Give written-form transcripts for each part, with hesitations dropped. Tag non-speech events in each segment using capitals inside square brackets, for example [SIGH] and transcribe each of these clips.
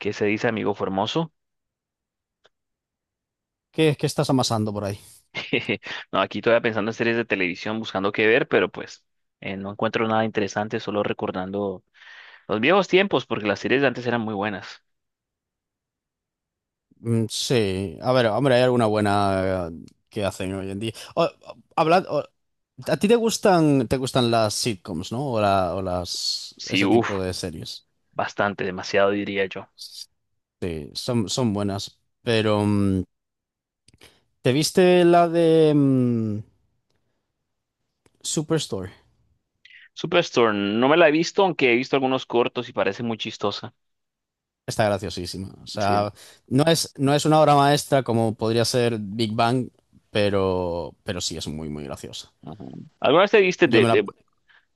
¿Qué se dice, amigo Formoso? ¿Qué estás amasando por ahí? [LAUGHS] No, aquí todavía pensando en series de televisión, buscando qué ver, pero no encuentro nada interesante, solo recordando los viejos tiempos, porque las series de antes eran muy buenas. Mm, sí, a ver, hombre, hay alguna buena que hacen hoy en día. ¿A ti te gustan las sitcoms, no? O, la- o las, Sí, Ese uff, tipo de series. bastante, demasiado diría yo. Sí, son buenas. Pero, ¿te viste la de Superstore? Superstore, no me la he visto, aunque he visto algunos cortos y parece muy chistosa. Está graciosísima. O Sí. sea, no es una obra maestra como podría ser Big Bang, pero sí es muy, muy graciosa. Ajá. ¿Alguna vez te viste Yo me la...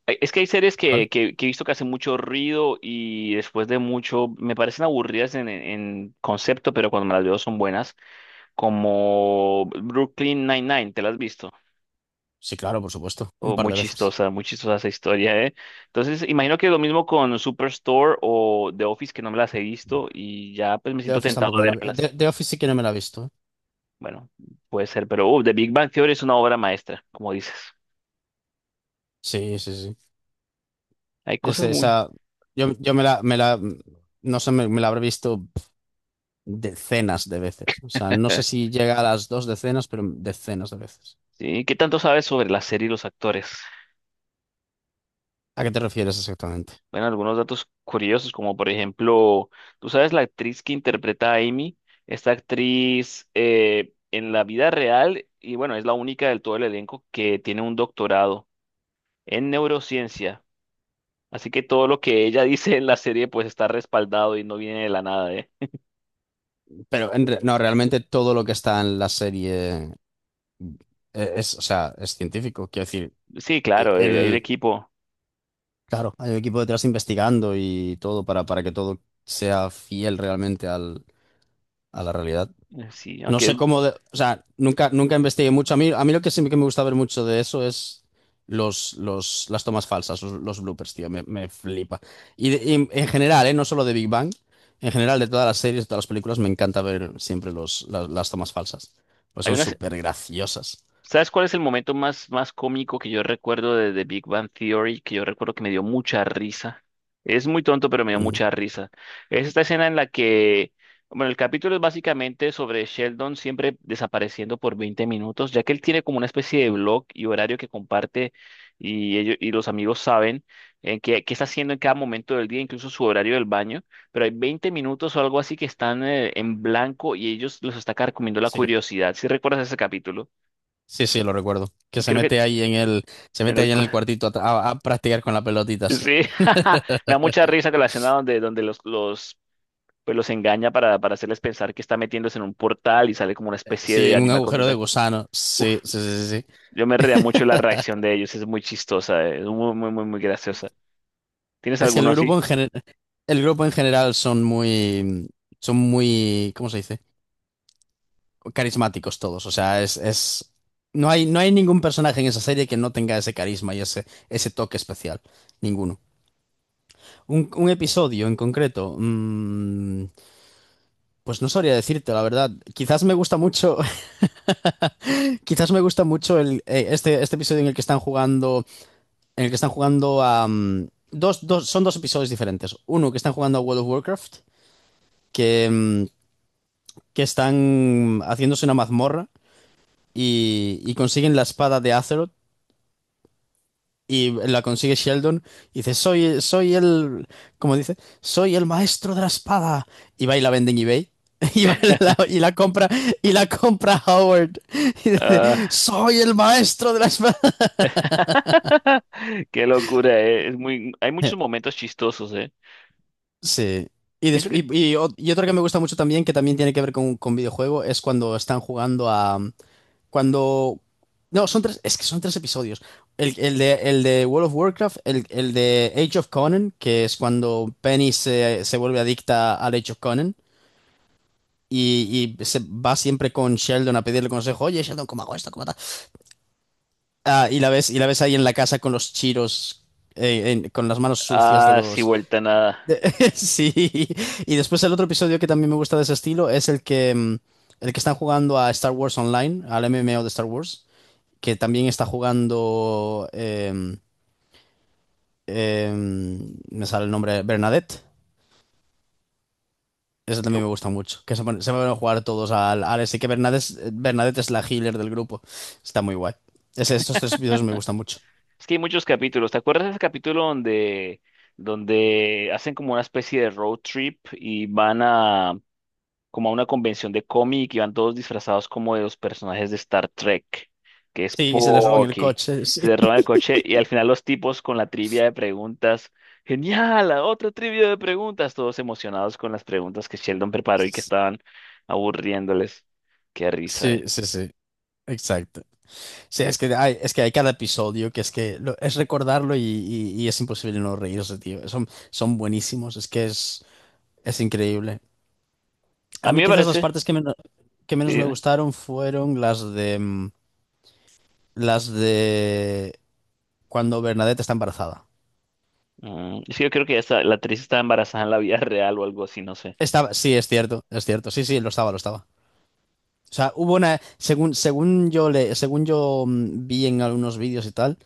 Es que hay series que, ¿Cuál? que, que he visto que hacen mucho ruido y después de mucho. Me parecen aburridas en concepto, pero cuando me las veo son buenas. Como Brooklyn Nine-Nine, ¿te la has visto? Sí, claro, por supuesto. Un Oh, par de veces. Muy chistosa esa historia, ¿eh? Entonces, imagino que lo mismo con Superstore o The Office, que no me las he visto y ya pues me The siento Office tentado tampoco a me la he The, vérmelas. The Office sí que no me la he visto, ¿eh? Bueno, puede ser, pero The Big Bang Theory es una obra maestra, como dices. Sí, sí, sí. Hay Es- cosas muy… esa, yo no sé, me la habré visto decenas de veces. O sea, no sé [LAUGHS] si llega a las dos decenas, pero decenas de veces. ¿Sí? ¿Qué tanto sabes sobre la serie y los actores? ¿A qué te refieres exactamente? Bueno, algunos datos curiosos, como por ejemplo, tú sabes la actriz que interpreta a Amy, esta actriz en la vida real, y bueno, es la única del todo el elenco que tiene un doctorado en neurociencia. Así que todo lo que ella [LAUGHS] dice en la serie, pues está respaldado y no viene de la nada, ¿eh? No, realmente todo lo que está en la serie o sea, es científico. Quiero decir, Sí, e- claro, hay un el, equipo. claro, hay un equipo detrás investigando y todo para que todo sea fiel realmente al, a la realidad. Sí, No sé aunque cómo, de- O sea, nunca, nunca investigué mucho. A mí lo que sí que me gusta ver mucho de eso es las tomas falsas, los bloopers, tío, me flipa. Y en general, ¿eh? No solo de Big Bang, en general de todas las series, de todas las películas, me encanta ver siempre tomas falsas, pues hay son una, súper graciosas. ¿sabes cuál es el momento más cómico que yo recuerdo de The Big Bang Theory? Que yo recuerdo que me dio mucha risa. Es muy tonto, pero me dio Mm. mucha risa. Es esta escena en la que, bueno, el capítulo es básicamente sobre Sheldon siempre desapareciendo por 20 minutos, ya que él tiene como una especie de blog y horario que comparte y ellos y los amigos saben qué está haciendo en cada momento del día, incluso su horario del baño, pero hay 20 minutos o algo así que están en blanco y ellos los está carcomiendo la Sí, curiosidad. ¿Si recuerdas ese capítulo? sí, sí, lo recuerdo. Que Y se creo que, mete ahí en el, se en mete el ahí en cu- el cuartito a, a practicar con la [LAUGHS] pelotita, sí. sí, [LAUGHS] me da mucha risa con la escena donde pues los engaña para hacerles pensar que está metiéndose en un portal y sale como una especie Sí, de en un animal con agujero de tentáculos. gusano. Uf, Sí, sí, sí, sí, sí. yo me reía mucho la reacción de ellos, es muy chistosa, es muy, muy, muy, muy graciosa. ¿Tienes Es que el alguno así? grupo en general. El grupo en general son muy, ¿cómo se dice? Carismáticos todos. O sea, es, no hay ningún personaje en esa serie que no tenga ese carisma y ese toque especial. Ninguno. Un episodio en concreto, pues no sabría decirte, la verdad. Quizás me gusta mucho, [LAUGHS] quizás me gusta mucho este episodio en el que están jugando, en el que están jugando a, son dos episodios diferentes. Uno que están jugando a World of Warcraft, que, que están haciéndose una mazmorra y consiguen la espada de Azeroth y la consigue Sheldon y dice, soy el, como dice, soy el maestro de la espada. Y va y la vende en eBay. [LAUGHS] Y, va y y la compra Howard y dice Ah, soy el maestro de la espada [LAUGHS] qué locura, eh. Es muy, hay muchos [LAUGHS] momentos chistosos, eh. sí. Pienso que, Y otro que me gusta mucho también que también tiene que ver con videojuego es cuando están jugando a Cuando. No, son tres. Es que son tres episodios. El de World of Warcraft, el de Age of Conan, que es cuando Penny se vuelve adicta al Age of Conan. Y se va siempre con Sheldon a pedirle consejo. Oye, Sheldon, ¿cómo hago esto? ¿Cómo tal? Ah, y la ves ahí en la casa con los chiros. Con las manos sucias de ah, sí, los. vuelta a nada, de- [LAUGHS] sí. Y después el otro episodio que también me gusta de ese estilo es el que. El que están jugando a Star Wars Online, al MMO de Star Wars. Que también está jugando, me sale el nombre, Bernadette. Eso también me gusta mucho, se van a jugar todos al, al ese, que Bernadette, Bernadette es la healer del grupo. Está muy guay. Ese, esos tres vídeos me gustan mucho. es que hay muchos capítulos. ¿Te acuerdas de ese capítulo donde, donde hacen como una especie de road trip y van a como a una convención de cómic y van todos disfrazados como de los personajes de Star Trek, que es Sí, y se les roban el Spocky. coche, [LAUGHS] sí. Se le roban el coche y al final los tipos con la trivia de preguntas. ¡Genial! ¡La otra trivia de preguntas! Todos emocionados con las preguntas que Sheldon preparó y que estaban aburriéndoles. Qué risa, Sí, eh. sí, sí. Exacto. Sí, es que hay cada episodio que es que es recordarlo y es imposible no reírse, tío. Son, son buenísimos, es que es increíble. A A mí mí me quizás las parece. partes que Sí, menos me gustaron fueron las de las de cuando Bernadette está embarazada. mm, es que yo creo que ya está- la actriz está embarazada en la vida [LAUGHS] real o algo así, no sé, Estaba, sí, es cierto, es cierto. Sí, sí, lo estaba, lo estaba. O sea, hubo una, según yo según yo vi en algunos vídeos y tal.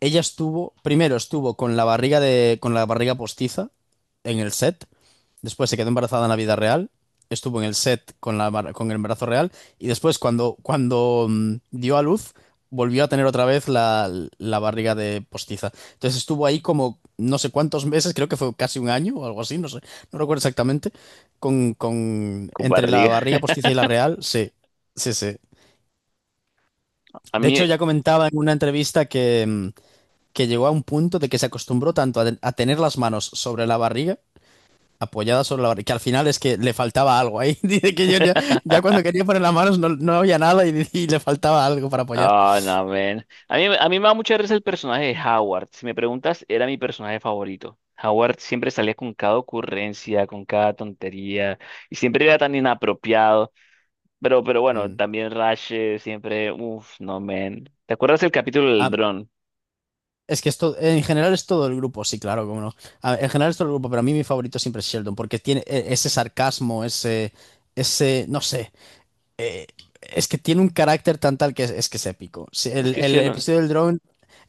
Ella estuvo, primero estuvo con la barriga de, con la barriga postiza en el set, después se quedó embarazada en la vida real, estuvo en el set con la, con el embarazo real y después cuando, cuando dio a luz, volvió a tener otra vez la, la barriga de postiza. Entonces estuvo ahí como no sé cuántos meses, creo que fue casi un año o algo así, no sé, no recuerdo exactamente, con con entre la barriga. barriga [LAUGHS] postiza y la real, sí, sí, sí. A De mí, hecho ya comentaba en una entrevista que... que llegó a un punto de que se acostumbró tanto a tener las manos sobre la barriga, apoyadas sobre la barriga, que al final es que le faltaba algo ahí. [LAUGHS] Dice que yo ya, ya cuando quería poner las manos no, no había nada y, y le faltaba algo para apoyar. ah, no, man. A mí me da mucha risa el personaje de Howard. Si me preguntas, era mi personaje favorito. Howard siempre salía con cada ocurrencia, con cada tontería, y siempre era tan inapropiado. Pero bueno, Mm. también Rash siempre, uff, no, man. ¿Te acuerdas el capítulo del Ah, dron? es que esto, en general es todo el grupo, sí, claro, cómo no. Ah, en general es todo el grupo, pero a mí mi favorito siempre es Sheldon, porque tiene ese sarcasmo, ese, no sé, es que tiene un carácter tan tal que es que es épico. Si Es el, que el cielo. episodio del drone,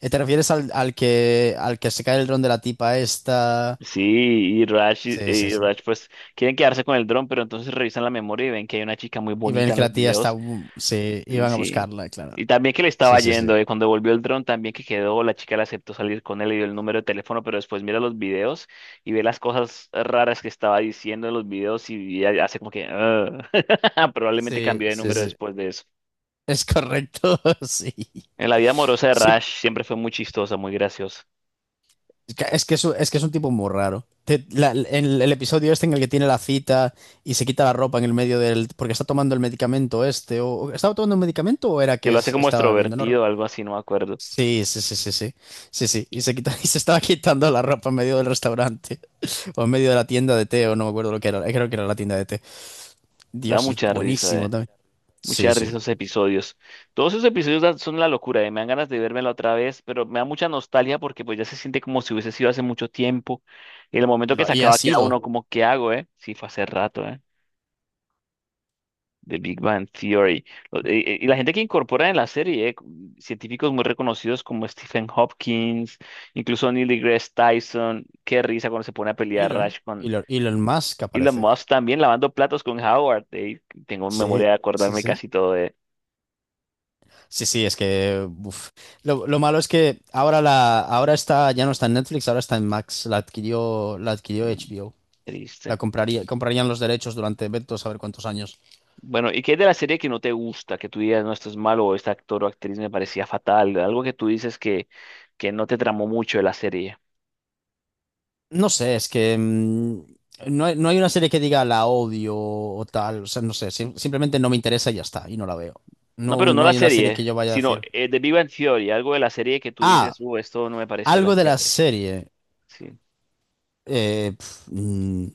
¿te refieres al que se cae el dron de la tipa esta? Sí, y Rash, y Sí, sí, y sí. Rash pues quieren quedarse con el dron, pero entonces revisan la memoria y ven que hay una chica muy Y ven bonita en que los la tía está... videos. Sí, Mm, iban a sí. buscarla, claro. Y también que le estaba Sí, sí, sí. yendo, cuando volvió el dron también que quedó, la chica le aceptó salir con él, le dio el número de teléfono, pero después mira los videos y ve las cosas raras que estaba diciendo en los videos y ella hace como que "ah". [LAUGHS] Probablemente Sí, cambió de sí, número sí. después de eso. Es correcto, [LAUGHS] sí. En la vida amorosa de Sí, Rash siempre fue muy chistosa, muy graciosa. es que es, que es un- es que es un tipo muy raro. En el episodio este en el que tiene la cita y se quita la ropa en el medio del... porque está tomando el medicamento este, o- ¿estaba tomando un medicamento o era Que que lo hace como estaba viendo? No extrovertido o recuerdo. algo así, no me acuerdo. Sí, sí, sí, sí, sí. Sí, sí. Y se quita, [LAUGHS] y se estaba quitando la ropa en medio del restaurante [LAUGHS] o en medio de la tienda de té, o no me acuerdo lo que era. Creo que era la tienda de té. Da Dios, es mucha risa, buenísimo eh. también. Mucha Sí, risa sí. esos episodios. Todos esos episodios dan- son la locura, eh. Me dan ganas de vérmela otra vez, pero me da mucha nostalgia porque pues ya se siente como si hubiese sido hace mucho tiempo. Y en el momento que se Y ha acaba queda sido uno como, ¿qué hago, eh? Sí, fue hace rato, eh. The Big Bang Theory. Y la gente que incorpora en la serie, científicos muy reconocidos como Stephen Hopkins, incluso Neil deGrasse Tyson. Qué risa cuando se pone a pelear Rush con Elon Musk que Elon aparece. Musk también lavando platos con Howard. Tengo Sí, memoria de sí, acordarme sí. casi todo de… Sí, sí, es que uf. Lo malo es que ahora la, ahora está, ya no está en Netflix, ahora está en Max. La adquirió mm, HBO. Triste. Comprarían los derechos durante vete tú a saber cuántos años. Bueno, ¿y qué es de la serie que no te gusta? Que tú digas, no, esto es malo, o este actor o actriz me parecía fatal. Algo que tú dices que no te tramó mucho de la serie. No sé, es que no hay una serie que diga la odio o tal. O sea, no sé, simplemente no me interesa y ya está, y no la veo. No, No, pero no no la hay una serie que serie, yo vaya a sino decir. De Big Bang Theory, algo de la serie que tú dices, Ah, esto no me pareció algo tan de la chévere. serie. Sí. eh, pf, mm,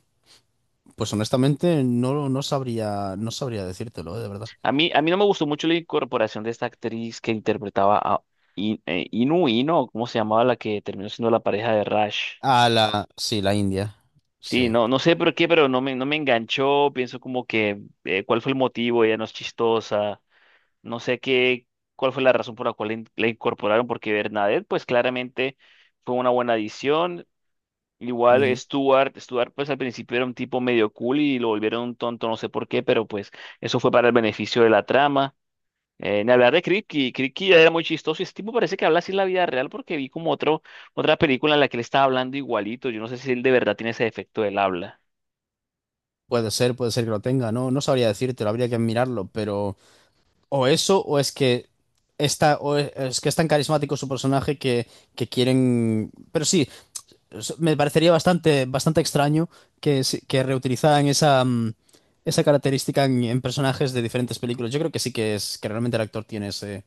pues honestamente no, no sabría decírtelo, de verdad. A mí no me gustó mucho la incorporación de esta actriz que interpretaba a Inu Ino, ¿cómo se llamaba la que terminó siendo la pareja de Rush? Ah, la, sí, la India. Sí, Sí. no, no sé por qué, pero no me enganchó. Pienso como que, ¿cuál fue el motivo? Ella no es chistosa. No sé qué, cuál fue la razón por la cual la incorporaron, porque Bernadette, pues claramente fue una buena adición. Igual Ujú. Stuart, pues al principio era un tipo medio cool y lo volvieron un tonto, no sé por qué, pero pues eso fue para el beneficio de la trama. Ni hablar de Kripke ya era muy chistoso y ese tipo parece que habla así en la vida real porque vi como otro, otra película en la que él estaba hablando igualito. Yo no sé si él de verdad tiene ese defecto del habla. Puede ser que lo tenga. No, no sabría decírtelo, habría que mirarlo, pero o eso o es que está, es que es tan carismático su personaje que quieren. Pero sí, me parecería bastante, bastante extraño que, que reutilizaran esa, esa característica en personajes de diferentes películas. Yo creo que sí que es que realmente el actor tiene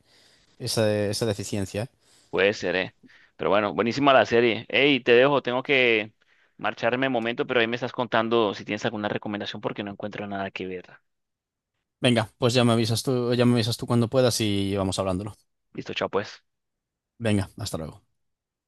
esa, esa deficiencia, ¿eh? Puede ser, eh. Pero bueno, buenísima la serie. Hey, te dejo, tengo que marcharme un momento, pero ahí me estás contando si tienes alguna recomendación porque no encuentro nada que ver. Venga, pues ya me avisas tú, ya me avisas tú cuando puedas y vamos hablándolo. Listo, chao pues. Venga, hasta luego.